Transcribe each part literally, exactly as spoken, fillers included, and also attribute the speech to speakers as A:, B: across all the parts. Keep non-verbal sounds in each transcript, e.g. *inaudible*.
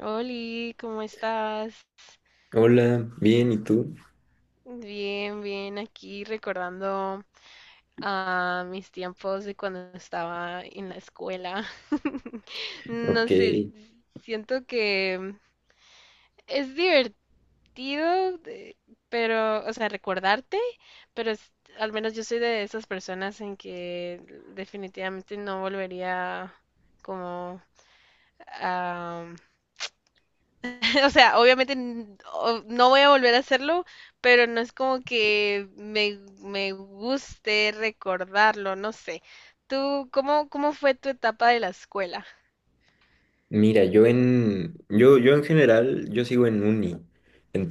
A: Oli, ¿cómo estás?
B: Hola, bien, ¿y tú?
A: Bien, bien, aquí recordando a mis tiempos de cuando estaba en la escuela. *laughs* No
B: Ok,
A: sé, siento que es divertido, de- pero, o sea, recordarte, pero es- al menos yo soy de esas personas en que definitivamente no volvería como a *laughs* O sea, obviamente n- o- no voy a volver a hacerlo, pero no es como que me, me guste recordarlo, no sé. ¿Tú cómo, cómo fue tu etapa de la escuela?
B: mira, yo en, yo, yo en general, yo sigo en uni,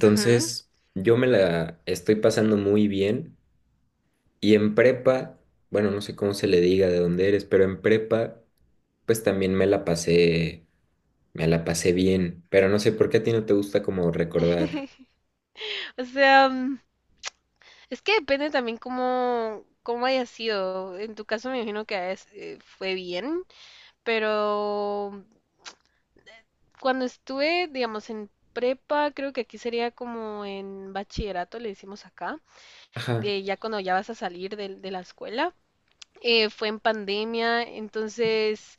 A: Ujú.
B: yo me la estoy pasando muy bien. Y en prepa, bueno, no sé cómo se le diga de dónde eres, pero en prepa, pues también me la pasé, me la pasé bien, pero no sé por qué a ti no te gusta como recordar.
A: O sea, mm, es que depende también cómo, cómo haya sido. En tu caso me imagino que es, eh, fue bien, pero mm, cuando estuve, digamos, en prepa, creo que aquí sería como en bachillerato, le decimos acá,
B: Ajá.
A: eh, ya cuando ya vas a salir del- de la escuela. eh, fue en pandemia, entonces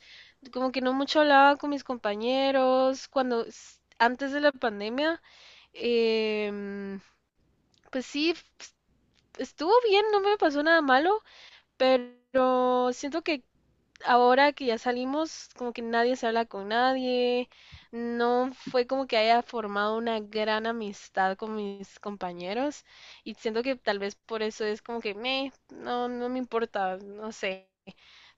A: como que no mucho hablaba con mis compañeros cuando s- antes de la pandemia, em, pues sí, f- estuvo bien, no me pasó nada malo, pero siento que ahora que ya salimos, como que nadie se habla con nadie, no fue como que haya formado una gran amistad con mis compañeros y siento que tal vez por eso es como que me, no, no me importa, no sé.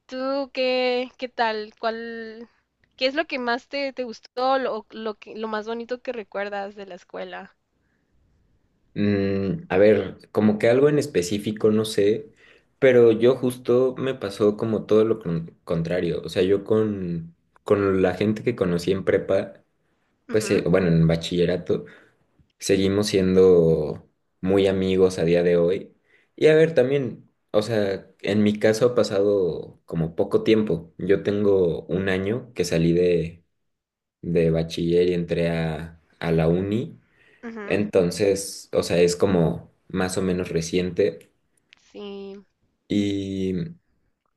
A: ¿Tú qué, qué tal? ¿Cuál, qué es lo que más te, te gustó, lo, lo que, lo más bonito que recuerdas de la escuela?
B: Mm, a ver, como que algo en específico, no sé, pero yo justo me pasó como todo lo con- contrario. O sea, yo con, con la gente que conocí en prepa, pues eh,
A: Ujú,
B: bueno, en bachillerato, seguimos siendo muy amigos a día de hoy. Y a ver, también, o sea, en mi caso ha pasado como poco tiempo. Yo tengo un año que salí de, de, bachiller y entré a, a la uni.
A: ujú.
B: Entonces, o sea, es como más o menos reciente.
A: Sí.
B: Y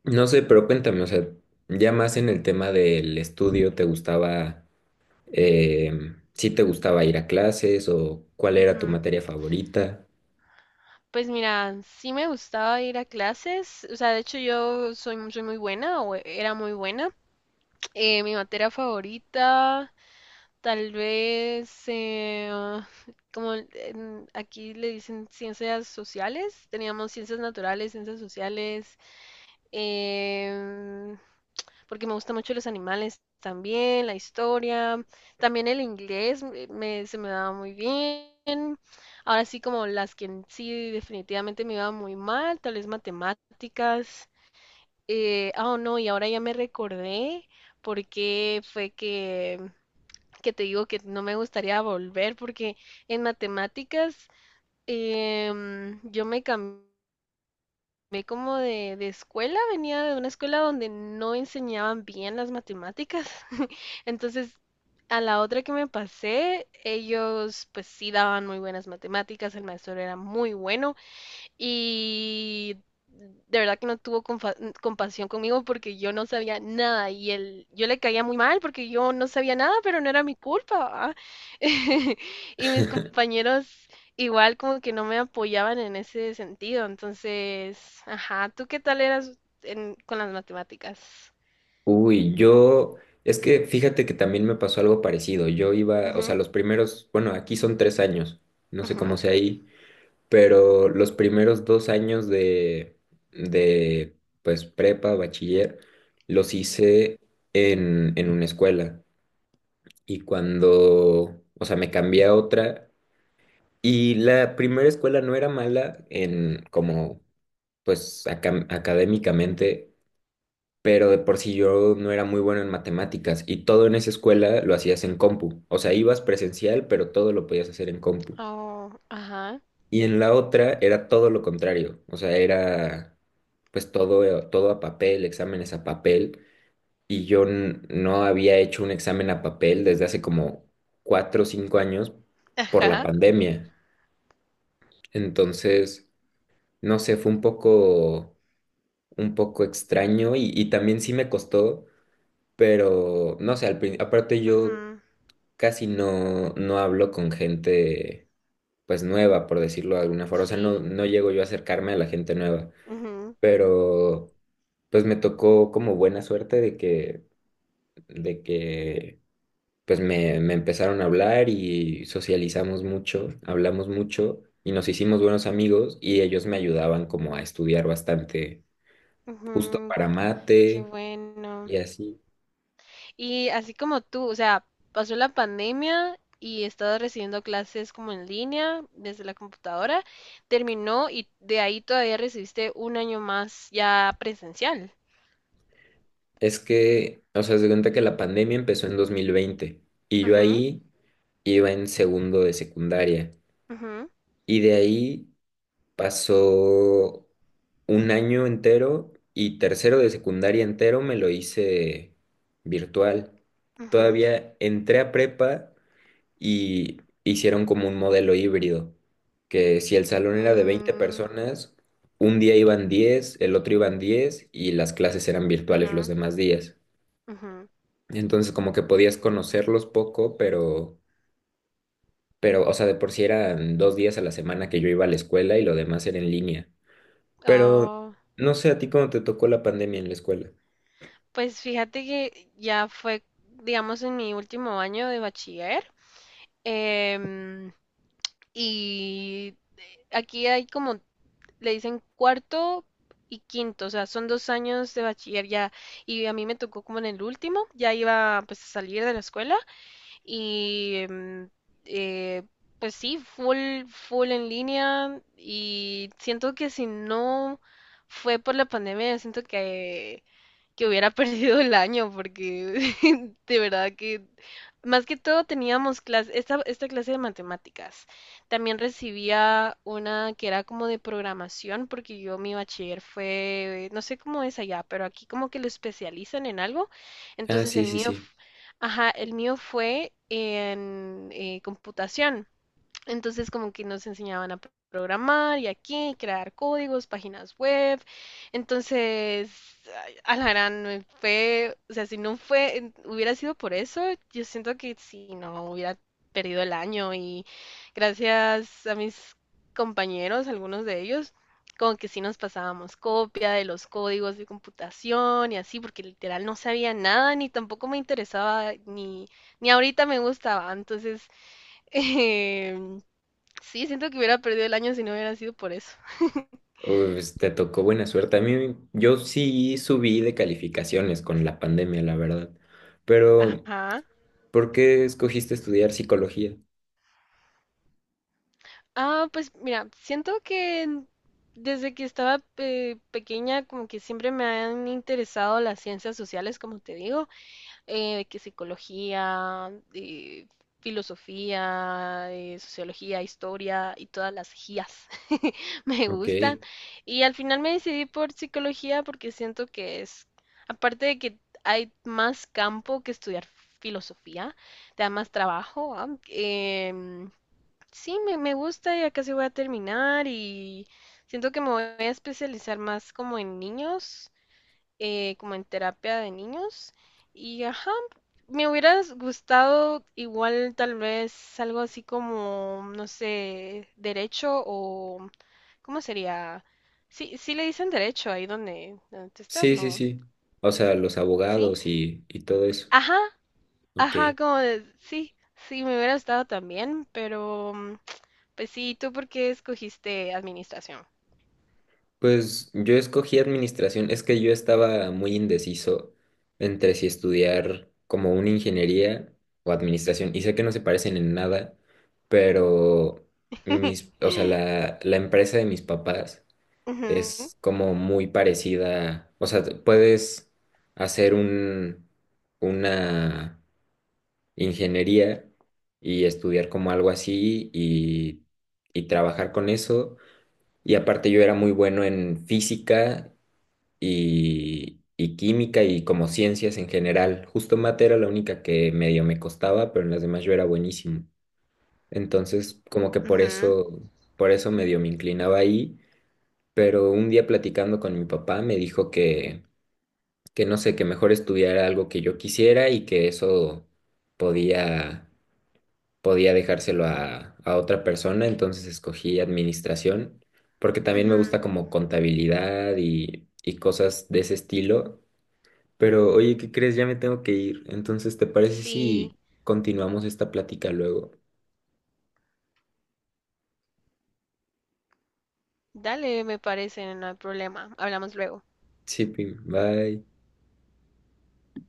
B: no sé, pero cuéntame, o sea, ya más en el tema del estudio, ¿te gustaba, eh, sí te gustaba ir a clases o cuál era tu
A: Ujú.
B: materia favorita?
A: Pues mira, sí me gustaba ir a clases. O sea, de hecho yo soy, soy muy buena o era muy buena. Eh, mi materia favorita, tal vez, eh, ah, como en- aquí le dicen ciencias sociales, teníamos ciencias naturales, ciencias sociales. em, porque me gustan mucho los animales también, la historia, también el inglés me, se me daba muy bien. Ahora sí, como las que en sí definitivamente me iba muy mal, tal vez matemáticas. Eh, ah, oh, no, y ahora ya me recordé porque fue que, que te digo que no me gustaría volver porque en matemáticas em, yo me cambié Ve como de, de escuela, venía de una escuela donde no enseñaban bien las matemáticas. *laughs* Entonces, a la otra que me pasé, ellos pues sí daban muy buenas matemáticas, el maestro era muy bueno y de verdad que no tuvo compa- compasión conmigo porque yo no sabía nada y él, yo le caía muy mal porque yo no sabía nada, pero no era mi culpa, ¿va? *laughs* Y mis compañeros igual como que no me apoyaban en ese sentido. Entonces, ajá, ¿tú qué tal eras en- con las matemáticas?
B: Uy, yo, es que fíjate que también me pasó algo parecido. Yo iba, o sea, los primeros, bueno, aquí son tres años, no
A: Ujú,
B: sé
A: ujú.
B: cómo sea ahí. Pero los primeros dos años de, de, pues prepa, bachiller, los hice en, en una escuela. Y cuando, o sea, me cambié a otra, y la primera escuela no era mala en como, pues, acam- académicamente, pero de por sí yo no era muy bueno en matemáticas, y todo en esa escuela lo hacías en compu. O sea, ibas presencial, pero todo lo podías hacer en compu.
A: Oh, ajá,
B: Y en la otra era todo lo contrario, o sea, era pues todo, eh, todo a papel, exámenes a papel, y yo n- no había hecho un examen a papel desde hace como cuatro o cinco años por la
A: ajá,
B: pandemia. Entonces, no sé, fue un poco, un poco extraño y, y también sí me costó, pero no sé, al prin- aparte yo
A: ujú,
B: casi no, no hablo con gente pues nueva, por decirlo de alguna forma, o sea, no,
A: sí,
B: no, llego yo a acercarme a la gente nueva.
A: ujú,
B: Pero pues me tocó como buena suerte de que, de que, pues me, me empezaron a hablar y socializamos mucho, hablamos mucho y nos hicimos buenos amigos y ellos me ayudaban como a estudiar bastante, justo
A: ujú,
B: para
A: qué
B: mate
A: bueno.
B: y así.
A: Y así como tú, o sea, pasó la pandemia y he estado recibiendo clases como en línea desde la computadora, terminó y de ahí todavía recibiste un año más ya presencial.
B: Es que, o sea, se cuenta que la pandemia empezó en dos mil veinte y yo
A: Ujú,
B: ahí iba en segundo de secundaria
A: ujú,
B: y de ahí... Pasó un año entero y tercero de secundaria entero me lo hice virtual.
A: ujú,
B: Todavía entré a prepa y hicieron como un modelo híbrido, que si el salón era de veinte
A: mm,
B: personas, un día iban diez, el otro iban diez y las clases eran virtuales los
A: ujú,
B: demás días.
A: ujú.
B: Entonces como que podías conocerlos poco, pero, pero, o sea, de por sí eran dos días a la semana que yo iba a la escuela y lo demás era en línea. Pero
A: Oh,
B: no sé a ti cómo te tocó la pandemia en la escuela.
A: pues fíjate que ya fue, digamos, en mi último año de bachiller. em, y aquí hay como le dicen cuarto y quinto, o sea, son dos años de bachiller ya, y a mí me tocó como en el último, ya iba pues a salir de la escuela y em, eh, pues sí, full, full en línea y siento que si no fue por la pandemia, siento que que hubiera *laughs* perdido el año, porque *laughs* de verdad que más que todo teníamos clase, esta, esta clase de matemáticas. También recibía una que era como de programación, porque yo mi bachiller fue, no sé cómo es allá, pero aquí como que lo especializan en algo.
B: Ah,
A: Entonces
B: sí,
A: el
B: sí,
A: mío,
B: sí.
A: f- ajá, el mío fue en eh, computación. Entonces, como que nos enseñaban a programar y aquí, crear códigos, páginas web. Entonces, ay, a la gran me fue, o sea, si no fue, en- hubiera sido por eso, yo siento que si no hubiera perdido el año y gracias a mis compañeros, algunos de ellos, como que sí nos pasábamos copia de los códigos de computación y así, porque literal no sabía nada, ni tampoco me interesaba, ni, ni ahorita me gustaba. Entonces, *laughs* sí, siento que hubiera perdido el año si no hubiera sido por eso.
B: Pues, te tocó buena suerte. A mí, yo sí subí de calificaciones con la pandemia, la verdad. Pero,
A: Ajá.
B: ¿por qué escogiste estudiar psicología?
A: Ah, pues mira, siento que en- desde que estaba eh, pequeña como que siempre me han interesado las ciencias sociales, como te digo. eh, que psicología, eh, filosofía, eh, sociología, historia y todas las gías *laughs* me
B: Ok.
A: gustan. Y al final me decidí por psicología porque siento que es, aparte de que hay más campo que estudiar filosofía, te da más trabajo, ¿va? Em, sí, me, me gusta, ya casi voy a terminar y siento que me voy a especializar más como en niños, eh, como en terapia de niños. Y ajá, me hubiera gustado igual tal vez algo así como, no sé, derecho o, ¿cómo sería? Sí, sí le dicen derecho ahí donde, donde tú estás,
B: Sí, sí,
A: ¿no?
B: sí. O sea, los
A: Sí.
B: abogados y, y todo eso.
A: Ajá,
B: Ok.
A: ajá, como de, sí, sí, me hubiera gustado también, pero mm, pues sí, ¿tú por qué escogiste administración?
B: Pues yo escogí administración, es que yo estaba muy indeciso entre si estudiar como una ingeniería o administración, y sé que no se parecen en nada, pero
A: *laughs*
B: mis, o sea, la, la, empresa de mis papás
A: Ujú,
B: es como muy parecida, o sea, te- puedes hacer un, una ingeniería y estudiar como algo así y, y trabajar con eso. Y aparte yo era muy bueno en física y, y química y como ciencias en general. Justo mate era la única que medio me costaba, pero en las demás yo era buenísimo. Entonces, como que por
A: ujú,
B: eso, por eso medio me inclinaba ahí. Pero un día platicando con mi papá me dijo que, que, no sé, que mejor estudiara algo que yo quisiera y que eso podía, podía, dejárselo a, a otra persona. Entonces escogí administración porque también me
A: ujú.
B: gusta como contabilidad y, y cosas de ese estilo. Pero oye, ¿qué crees? Ya me tengo que ir. Entonces, ¿te parece
A: Sí.
B: si continuamos esta plática luego?
A: Dale, me parece, no hay problema. Hablamos luego.
B: Sí, Pim, bye.